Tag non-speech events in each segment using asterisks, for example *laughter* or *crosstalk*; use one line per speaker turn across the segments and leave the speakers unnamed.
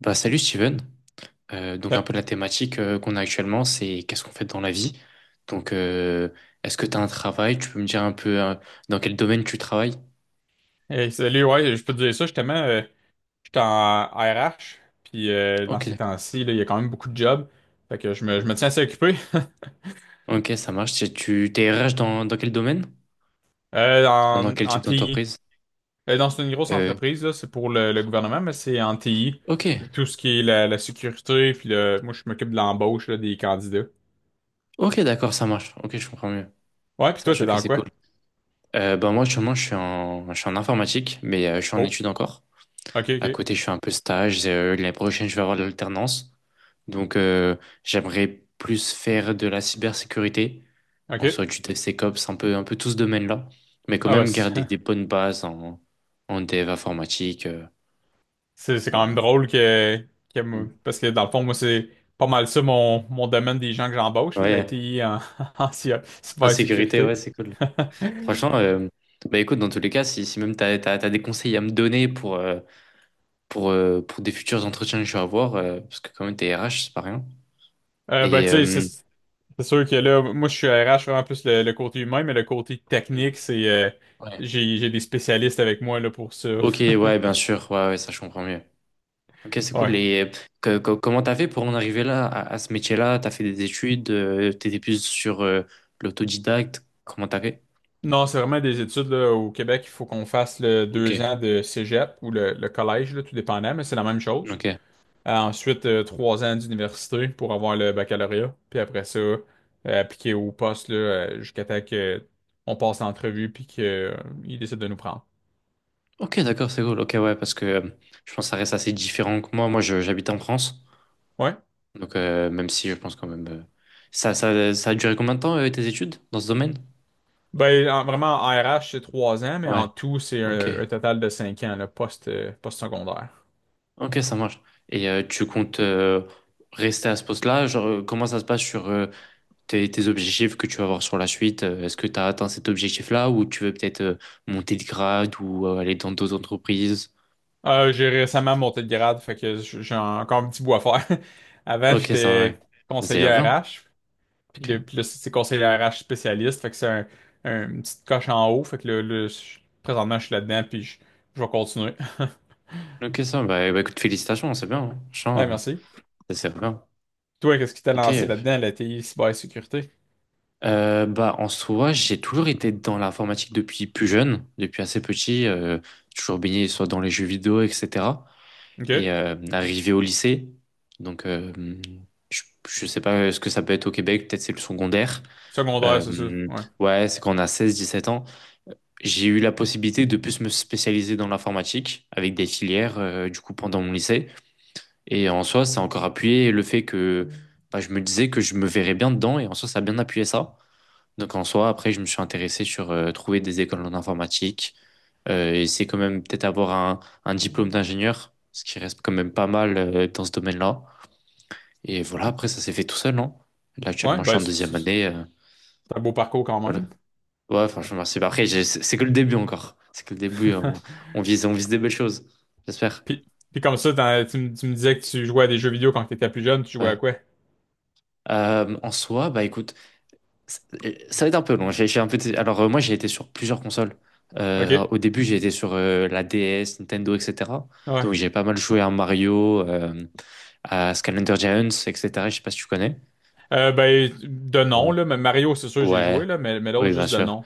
Bah, salut Steven. Donc
Euh,
un peu la thématique qu'on a actuellement, c'est qu'est-ce qu'on fait dans la vie. Donc euh, Est-ce que tu as un travail? Tu peux me dire un peu dans quel domaine tu travailles?
Hey, salut, ouais, je peux te dire ça, justement, j'étais en RH, puis dans
Ok,
ces
d'accord.
temps-ci, là, il y a quand même beaucoup de jobs, fait que
Ouais.
je me tiens assez occupé. *laughs*
Ok, ça marche. T'es RH dans quel domaine? Enfin, dans quel
En
type
TI.
d'entreprise?
Dans une grosse
Euh,
entreprise, là, c'est pour le gouvernement, mais c'est en TI,
ok,
tout ce qui est la sécurité, puis moi, je m'occupe de l'embauche là, des candidats.
ok, d'accord, ça marche. Ok, je comprends mieux.
Ouais, puis
Ça
toi,
marche,
t'es
ok,
dans
c'est cool.
quoi?
Bah, moi, actuellement, je suis en informatique, mais je suis en
Oh,
études encore.
ok,
À
ok,
côté, je fais un peu stage. L'année prochaine, je vais avoir de l'alternance. Donc, euh, J'aimerais plus faire de la cybersécurité,
ok.
en soit du DevSecOps, un peu tout ce domaine-là, mais quand
Ah bah,
même
c'est...
garder des
*laughs*
bonnes bases en dev informatique.
C'est quand même
Pour-
drôle
Mm.
parce que dans le fond, moi, c'est pas mal ça mon domaine des gens que j'embauche, là, la
Ouais,
TI en, *laughs* en
en sécurité, ouais,
cybersécurité.
c'est cool.
*laughs*
Franchement, bah écoute, dans tous les cas, si même t'as des conseils à me donner pour des futurs entretiens que je vais avoir, parce que quand même, t'es RH, c'est pas rien.
Ben, tu
Et,
sais, c'est c'est sûr que là, moi, je suis RH, vraiment plus le côté humain, mais le côté technique, c'est
Ouais.
j'ai des spécialistes avec moi là, pour ça. *laughs*
Ok, ouais, bien sûr, ouais, ouais, ça, je comprends mieux. Ok, c'est
Ouais.
cool. Et comment t'as fait pour en arriver là, à ce métier-là? T'as fait des études, t'étais plus sur l'autodidacte. Comment t'as fait?
Non, c'est vraiment des études là, au Québec, il faut qu'on fasse le
Ok,
2 ans de cégep ou le collège, là, tout dépendant, mais c'est la même chose.
ok.
Ensuite, 3 ans d'université pour avoir le baccalauréat. Puis après ça, appliquer au poste là, jusqu'à temps que on passe l'entrevue puis qu'ils décident de nous prendre.
Ok, d'accord, c'est cool. Ok, ouais, parce que je pense que ça reste assez différent que moi. Moi, j'habite en France.
Ouais.
Même si je pense quand même. Ça a duré combien de temps, tes études dans ce domaine?
Ben, vraiment, en RH, c'est 3 ans, mais
Ouais,
en tout, c'est
ok.
un total de 5 ans, le poste, post-secondaire.
Ok, ça marche. Et tu comptes rester à ce poste-là? Genre, comment ça se passe sur tes objectifs que tu vas avoir sur la suite. Est-ce que tu as atteint cet objectif-là ou tu veux peut-être monter de grade ou aller dans d'autres entreprises?
J'ai récemment monté de grade, fait que j'ai encore un petit bout à faire. *laughs* Avant,
Ok, ça, ouais.
j'étais
C'est déjà
conseiller
bien.
RH.
Ok,
Puis là, c'est conseiller RH spécialiste. Fait que c'est une petite coche en haut. Fait que là, présentement, je suis là-dedans, puis je vais continuer. *laughs*
ok, ça, bah, bah, écoute, félicitations, c'est bien, hein. Franchement,
Ouais, merci.
ça, c'est bien.
Toi, qu'est-ce qui t'a
Ok.
lancé là-dedans, la TI, cybersécurité?
Bah, en soi, j'ai toujours été dans l'informatique depuis plus jeune, depuis assez petit. Euh, toujours baigné soit dans les jeux vidéo, etc. Et
OK.
arrivé au lycée, donc euh, je, je sais pas ce que ça peut être au Québec, peut-être c'est le secondaire.
Secondaire, c'est ça.
Euh,
Ouais.
ouais, c'est quand on a seize dix-sept ans. J'ai eu la possibilité de plus me spécialiser dans l'informatique avec des filières, du coup, pendant mon lycée. Et en soi, ça a encore appuyé le fait que bah, je me disais que je me verrais bien dedans. Et en soi, ça a bien appuyé ça. Donc en soi, après, je me suis intéressé sur trouver des écoles en informatique. Et c'est quand même peut-être avoir un diplôme d'ingénieur, ce qui reste quand même pas mal dans ce domaine-là. Et voilà, après, ça s'est fait tout seul, non? Là,
Ouais,
actuellement, je suis
ben,
en
c'est c'est-
deuxième année.
c'est un beau parcours quand
Voilà.
même.
Ouais, franchement, merci. Bah, après, c'est que le début encore. C'est que le début, hein.
*laughs*
On vise, on vise des belles choses. J'espère.
Puis, Puis comme ça, tu me disais que tu jouais à des jeux vidéo quand t'étais plus jeune, tu jouais à
Ouais.
quoi?
En soi, bah écoute, ça ça va être un peu long. J'ai un peu été- Alors, moi, j'ai été sur plusieurs consoles.
OK.
Au début, j'ai été sur la DS, Nintendo, etc. Donc,
Ouais.
j'ai pas mal joué à Mario, à Skylander Giants, etc. Je sais pas si tu connais.
Ben, de nom,
Ouais.
là, mais Mario, c'est sûr, j'ai
Ouais,
joué, là, mais l'autre,
oui, bien
juste de
sûr.
nom.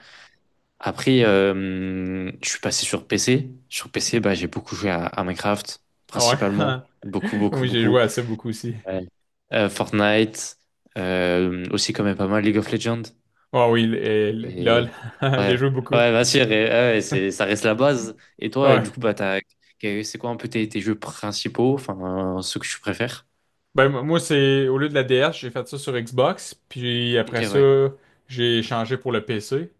Après, je suis passé sur PC. Sur PC, bah, j'ai beaucoup joué à Minecraft,
Ah ouais.
principalement. Beaucoup,
*laughs*
beaucoup,
Oui, j'ai
beaucoup.
joué à ça beaucoup aussi.
Ouais. Fortnite, aussi quand même pas mal League of Legends.
Oh oui,
Et
LOL. *laughs* J'ai
ouais,
joué beaucoup.
ouais, bien sûr. Et, ouais, c'est, ça reste la base. Et toi,
Ouais.
du coup, bah, c'est quoi un peu tes jeux principaux, enfin, ceux que tu préfères?
Ben, moi, c'est au lieu de la DS, j'ai fait ça sur Xbox. Puis
Ok,
après ça,
ouais.
j'ai changé pour le PC.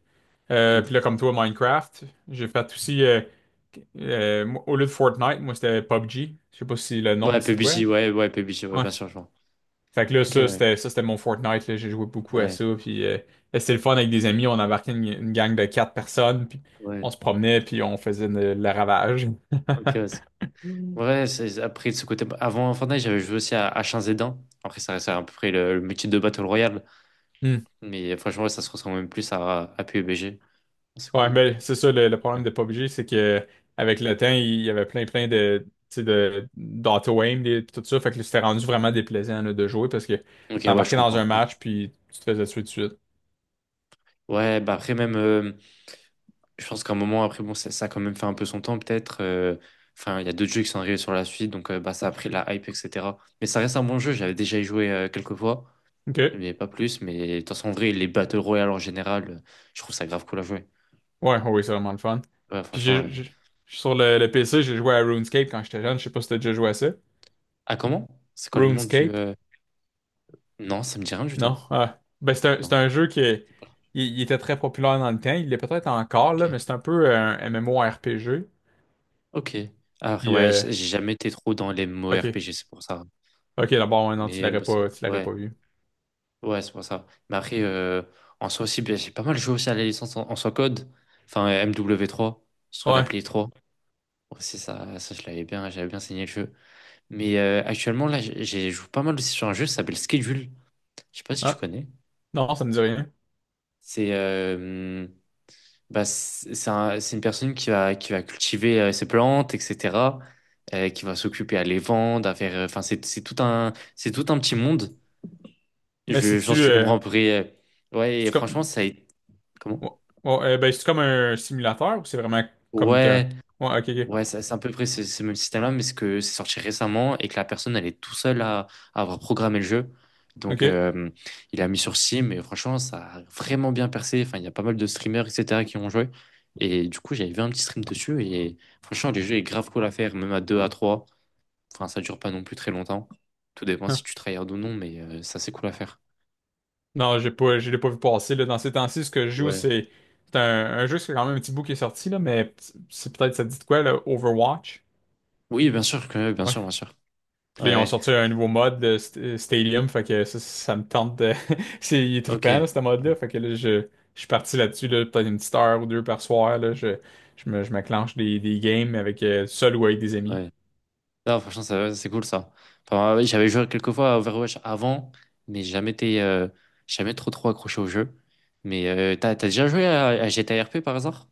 Hmm.
Puis là, comme toi, Minecraft. J'ai fait aussi, moi, au lieu de Fortnite, moi, c'était PUBG. Je sais pas si le nom
Ouais,
te dit de quoi.
PUBG, ouais, ouais, PUBG, ouais,
Ouais.
bien sûr, je vois.
Fait que là,
Ok, ouais,
ça, c'était mon Fortnite, là. J'ai joué beaucoup à
ouais,
ça. Puis c'était le fun avec des amis. On embarquait une gang de 4 personnes. Puis
ouais.
on se promenait. Puis on faisait le ravage.
Ok, ouais, Ouais, c'est- après de ce côté, bah, avant Fortnite, j'avais joué aussi à H1Z1. Après, ça reste à peu près le même type de Battle Royale. Mais franchement, ouais, ça se ressemble même plus à PUBG. C'est
Ouais,
cool.
ben c'est ça le problème de PUBG, c'est que avec le temps, il y avait plein plein de tu sais, de d'auto-aim, tout ça, fait que c'était rendu vraiment déplaisant là, de jouer parce que
Ok, ouais, je
t'embarquais dans
comprends.
un
Ouais,
match puis tu te faisais tuer tout de suite.
Ouais, bah après, même, je pense qu'à un moment, après, bon, ça a quand même fait un peu son temps, peut-être. Euh, enfin, il y a d'autres jeux qui sont arrivés sur la suite, donc bah, ça a pris la hype, etc. Mais ça reste un bon jeu, j'avais déjà y joué quelques fois,
OK.
mais pas plus. Mais de toute façon, en vrai, les Battle Royale en général, je trouve ça grave cool à jouer.
Ouais, oui, c'est vraiment le fun.
Ouais,
Puis
franchement.
je j'ai- Sur le PC, j'ai joué à RuneScape quand j'étais jeune, je sais pas si t'as déjà joué à ça.
Ah, comment? C'est quoi le nom du.
RuneScape?
Non, ça me dit rien du tout.
Non. Ah. Ben, c'est
Non,
un jeu qui est-
c'est pas là.
il était très populaire dans le temps, il l'est peut-être encore
Ok.
là, mais c'est un peu un MMORPG.
Ok. Après,
Puis
ouais, j'ai jamais été trop dans les mots
OK.
RPG, c'est pour ça.
Ok, d'abord, ouais, non,
Mais bah, ça-
tu l'aurais
ouais,
pas vu.
ouais, c'est pour ça. Mais après, en soi aussi, bah, j'ai pas mal joué aussi à la licence en soi code. Enfin, MW3 sur la
Ouais.
Play 3. C'est ça, j'avais bien saigné le jeu. Mais actuellement, là, j'ai joué pas mal aussi sur un jeu qui s'appelle Schedule. Je sais pas si tu
Ah,
connais.
non, ça me dit rien.
C'est bah, c'est une personne qui va cultiver ses plantes, etc. Euh, qui va s'occuper à les vendre, à faire. Euh, enfin, c'est tout un petit monde.
Mais
Je pense
c'est-tu
que tu
euh,
comprends à peu près. Euh, ouais, et
c'est-tu
franchement,
comme...
ça a été. Comment?
Ouais, ouais, ben, c'est comme un simulateur ou c'est vraiment comme t'es un...
Ouais.
Ouais, ok, ok.
Ouais, c'est à peu près ce même système-là, mais c'est que c'est sorti récemment et que la personne, elle est tout seule à avoir programmé le jeu. Donc,
Ok.
il a mis sur Steam et franchement, ça a vraiment bien percé. Enfin, il y a pas mal de streamers, etc., qui ont joué. Et du coup, j'avais vu un petit stream dessus et franchement, le jeu est grave cool à faire, même à 2 à trois. Enfin, ça dure pas non plus très longtemps. Tout dépend si
Ah.
tu tryhard ou non, mais ça, c'est cool à faire.
Non, j'ai pas, je l'ai pas vu passer, là. Dans ces temps-ci, ce que je joue,
Ouais.
c'est... C'est un jeu, c'est quand même un petit bout qui est sorti, là, mais c'est peut-être, ça te dit de quoi, là? Overwatch?
Oui, bien sûr que, bien
Ouais.
sûr, bien sûr. Ouais,
Puis là, ils ont
ouais.
sorti un nouveau mode de Stadium, fait que ça me tente de... *laughs* Il est
Ok.
trippant, là, ce mode-là, fait que là, je suis parti là-dessus, là, peut-être une petite heure ou deux par soir, là, je m'acclenche des games avec, seul ou avec des amis.
Ouais. Non, franchement, ça- c'est cool ça. Enfin, ouais, j'avais joué quelques fois à Overwatch avant, mais jamais été, jamais trop trop accroché au jeu. Mais t'as déjà joué à GTA RP par hasard?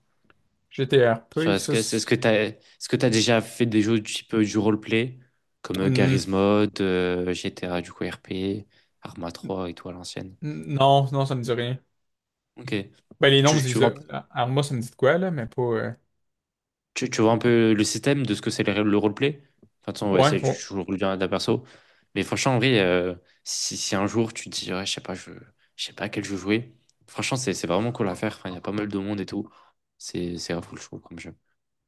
Genre,
GTRP,
est-ce
ça,
que,
c'est-...
est-ce que t'as déjà fait des jeux du type du roleplay, comme
Hmm,
Garry's Mod, GTA du coup RP, Arma 3 et tout à l'ancienne?
non, non, ça me dit rien.
Ok.
Ben, les noms, me
Tu, tu,
disent-... Arma, ça me dit de quoi, là, mais pas...
tu vois un peu le système de ce que c'est le roleplay? Enfin, de toute façon, ouais,
Ouais,
c'est, tu tu
ouais.
joues le bien d'un perso. Mais franchement, en vrai, si un jour tu te dis, ouais, je sais pas, je sais pas à quel jeu jouer, franchement, c'est vraiment cool à faire. Enfin, il y a pas mal de monde et tout. C'est grave cool, je trouve, comme jeu.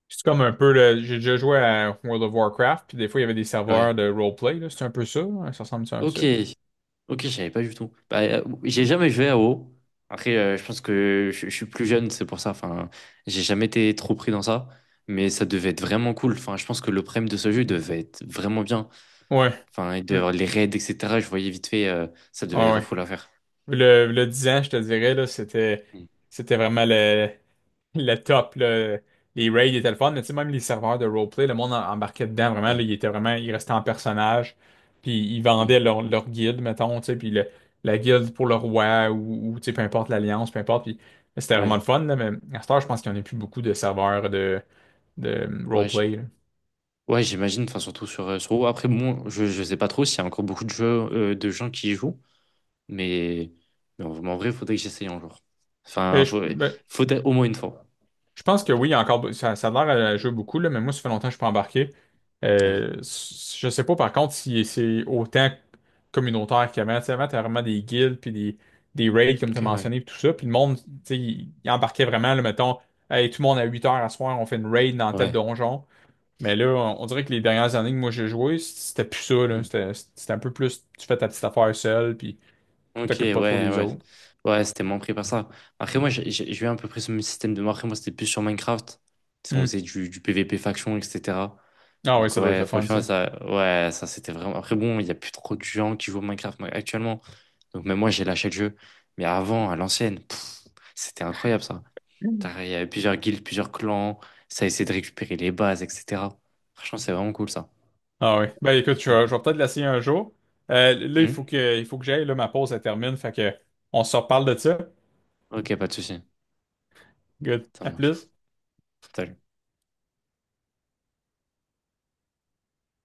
C'est comme un peu, là, j'ai déjà joué à World of Warcraft, puis des fois, il y avait des
Ouais.
serveurs de roleplay, là, c'est un peu ça, hein, ça ressemble ça un peu à ça.
Ok, ok, je savais pas du tout. Bah, j'ai jamais joué à WoW. Après, je pense que je suis plus jeune, c'est pour ça. Enfin, j'ai jamais été trop pris dans ça. Mais ça devait être vraiment cool. Enfin, je pense que le prime de ce jeu devait être vraiment bien.
Ouais.
Enfin, il devait y
Ouais,
avoir les raids, etc. Je voyais vite fait, ça devait être grave
ouais.
cool à faire.
Le 10 ans, je te dirais, là,
Mm.
c'était vraiment le top, là. Les raids étaient le fun, mais tu sais, même les serveurs de roleplay, le monde embarquait dedans, vraiment,
Ouais,
là, il restait en personnage, puis ils
oui,
vendaient leur guilde, mettons, tu sais, la guilde pour le roi, ou, tu sais, peu importe l'alliance, peu importe, puis c'était vraiment le
ouais,
fun, là, mais à cette heure, je pense qu'il n'y en a plus beaucoup de serveurs de
ouais,
roleplay, là.
ouais, j'imagine, enfin, surtout sur, sur WoW. Après, bon, je sais pas trop s'il y a encore beaucoup de jeux, de gens qui y jouent, mais, mais en, en vrai, il faudrait que j'essaye un jour. Enfin,
Euh, je-
faut-
ben,
Faudrait au moins une fois.
Je pense que oui, il y a encore, ça a l'air à
Mm.
jouer beaucoup, là, mais moi, ça fait longtemps que je suis pas embarqué.
Ouais.
Je sais pas, par contre, si c'est autant communautaire qu'avant. Tu sais, avant, t'avais vraiment des guildes, puis des raids, comme tu as
Ok, ouais,
mentionné, puis tout ça. Puis le monde, tu sais, il embarquait vraiment, là, mettons... Hey, tout le monde à 8 heures à soir, on fait une raid dans tel
ouais.
donjon. Mais là, on dirait que les dernières années que moi j'ai joué, c'était plus ça, là.
Mm.
C'était un peu plus, tu fais ta petite affaire seule, puis tu
Ok,
t'occupes
ouais,
pas trop des
ouais.
autres.
Ouais, c'était moins pris par ça. Après, moi, j'ai eu à peu près ce même système de moi. Après, moi, c'était plus sur Minecraft. On
Hmm.
faisait du PVP faction, etc.
Ah oui,
Donc
ça doit être
ouais,
le fun,
franchement,
ça.
ça, ouais, ça c'était vraiment... Après bon, il n'y a plus trop de gens qui jouent au Minecraft moi, actuellement. Donc même moi, j'ai lâché le jeu. Mais avant, à l'ancienne, pff, c'était incroyable ça. T'as- Il y avait plusieurs guildes, plusieurs clans. Ça essayait de récupérer les bases, etc. Franchement, c'est vraiment cool ça.
Ah oui. Ben écoute, je, vais
Mhm.
je vais peut-être l'essayer un jour. Là,
Mhm.
il faut que j'aille, là, ma pause, elle termine. Fait que on se reparle de ça.
Ok, pas de souci.
Good.
Ça
À
marche.
plus.
Salut.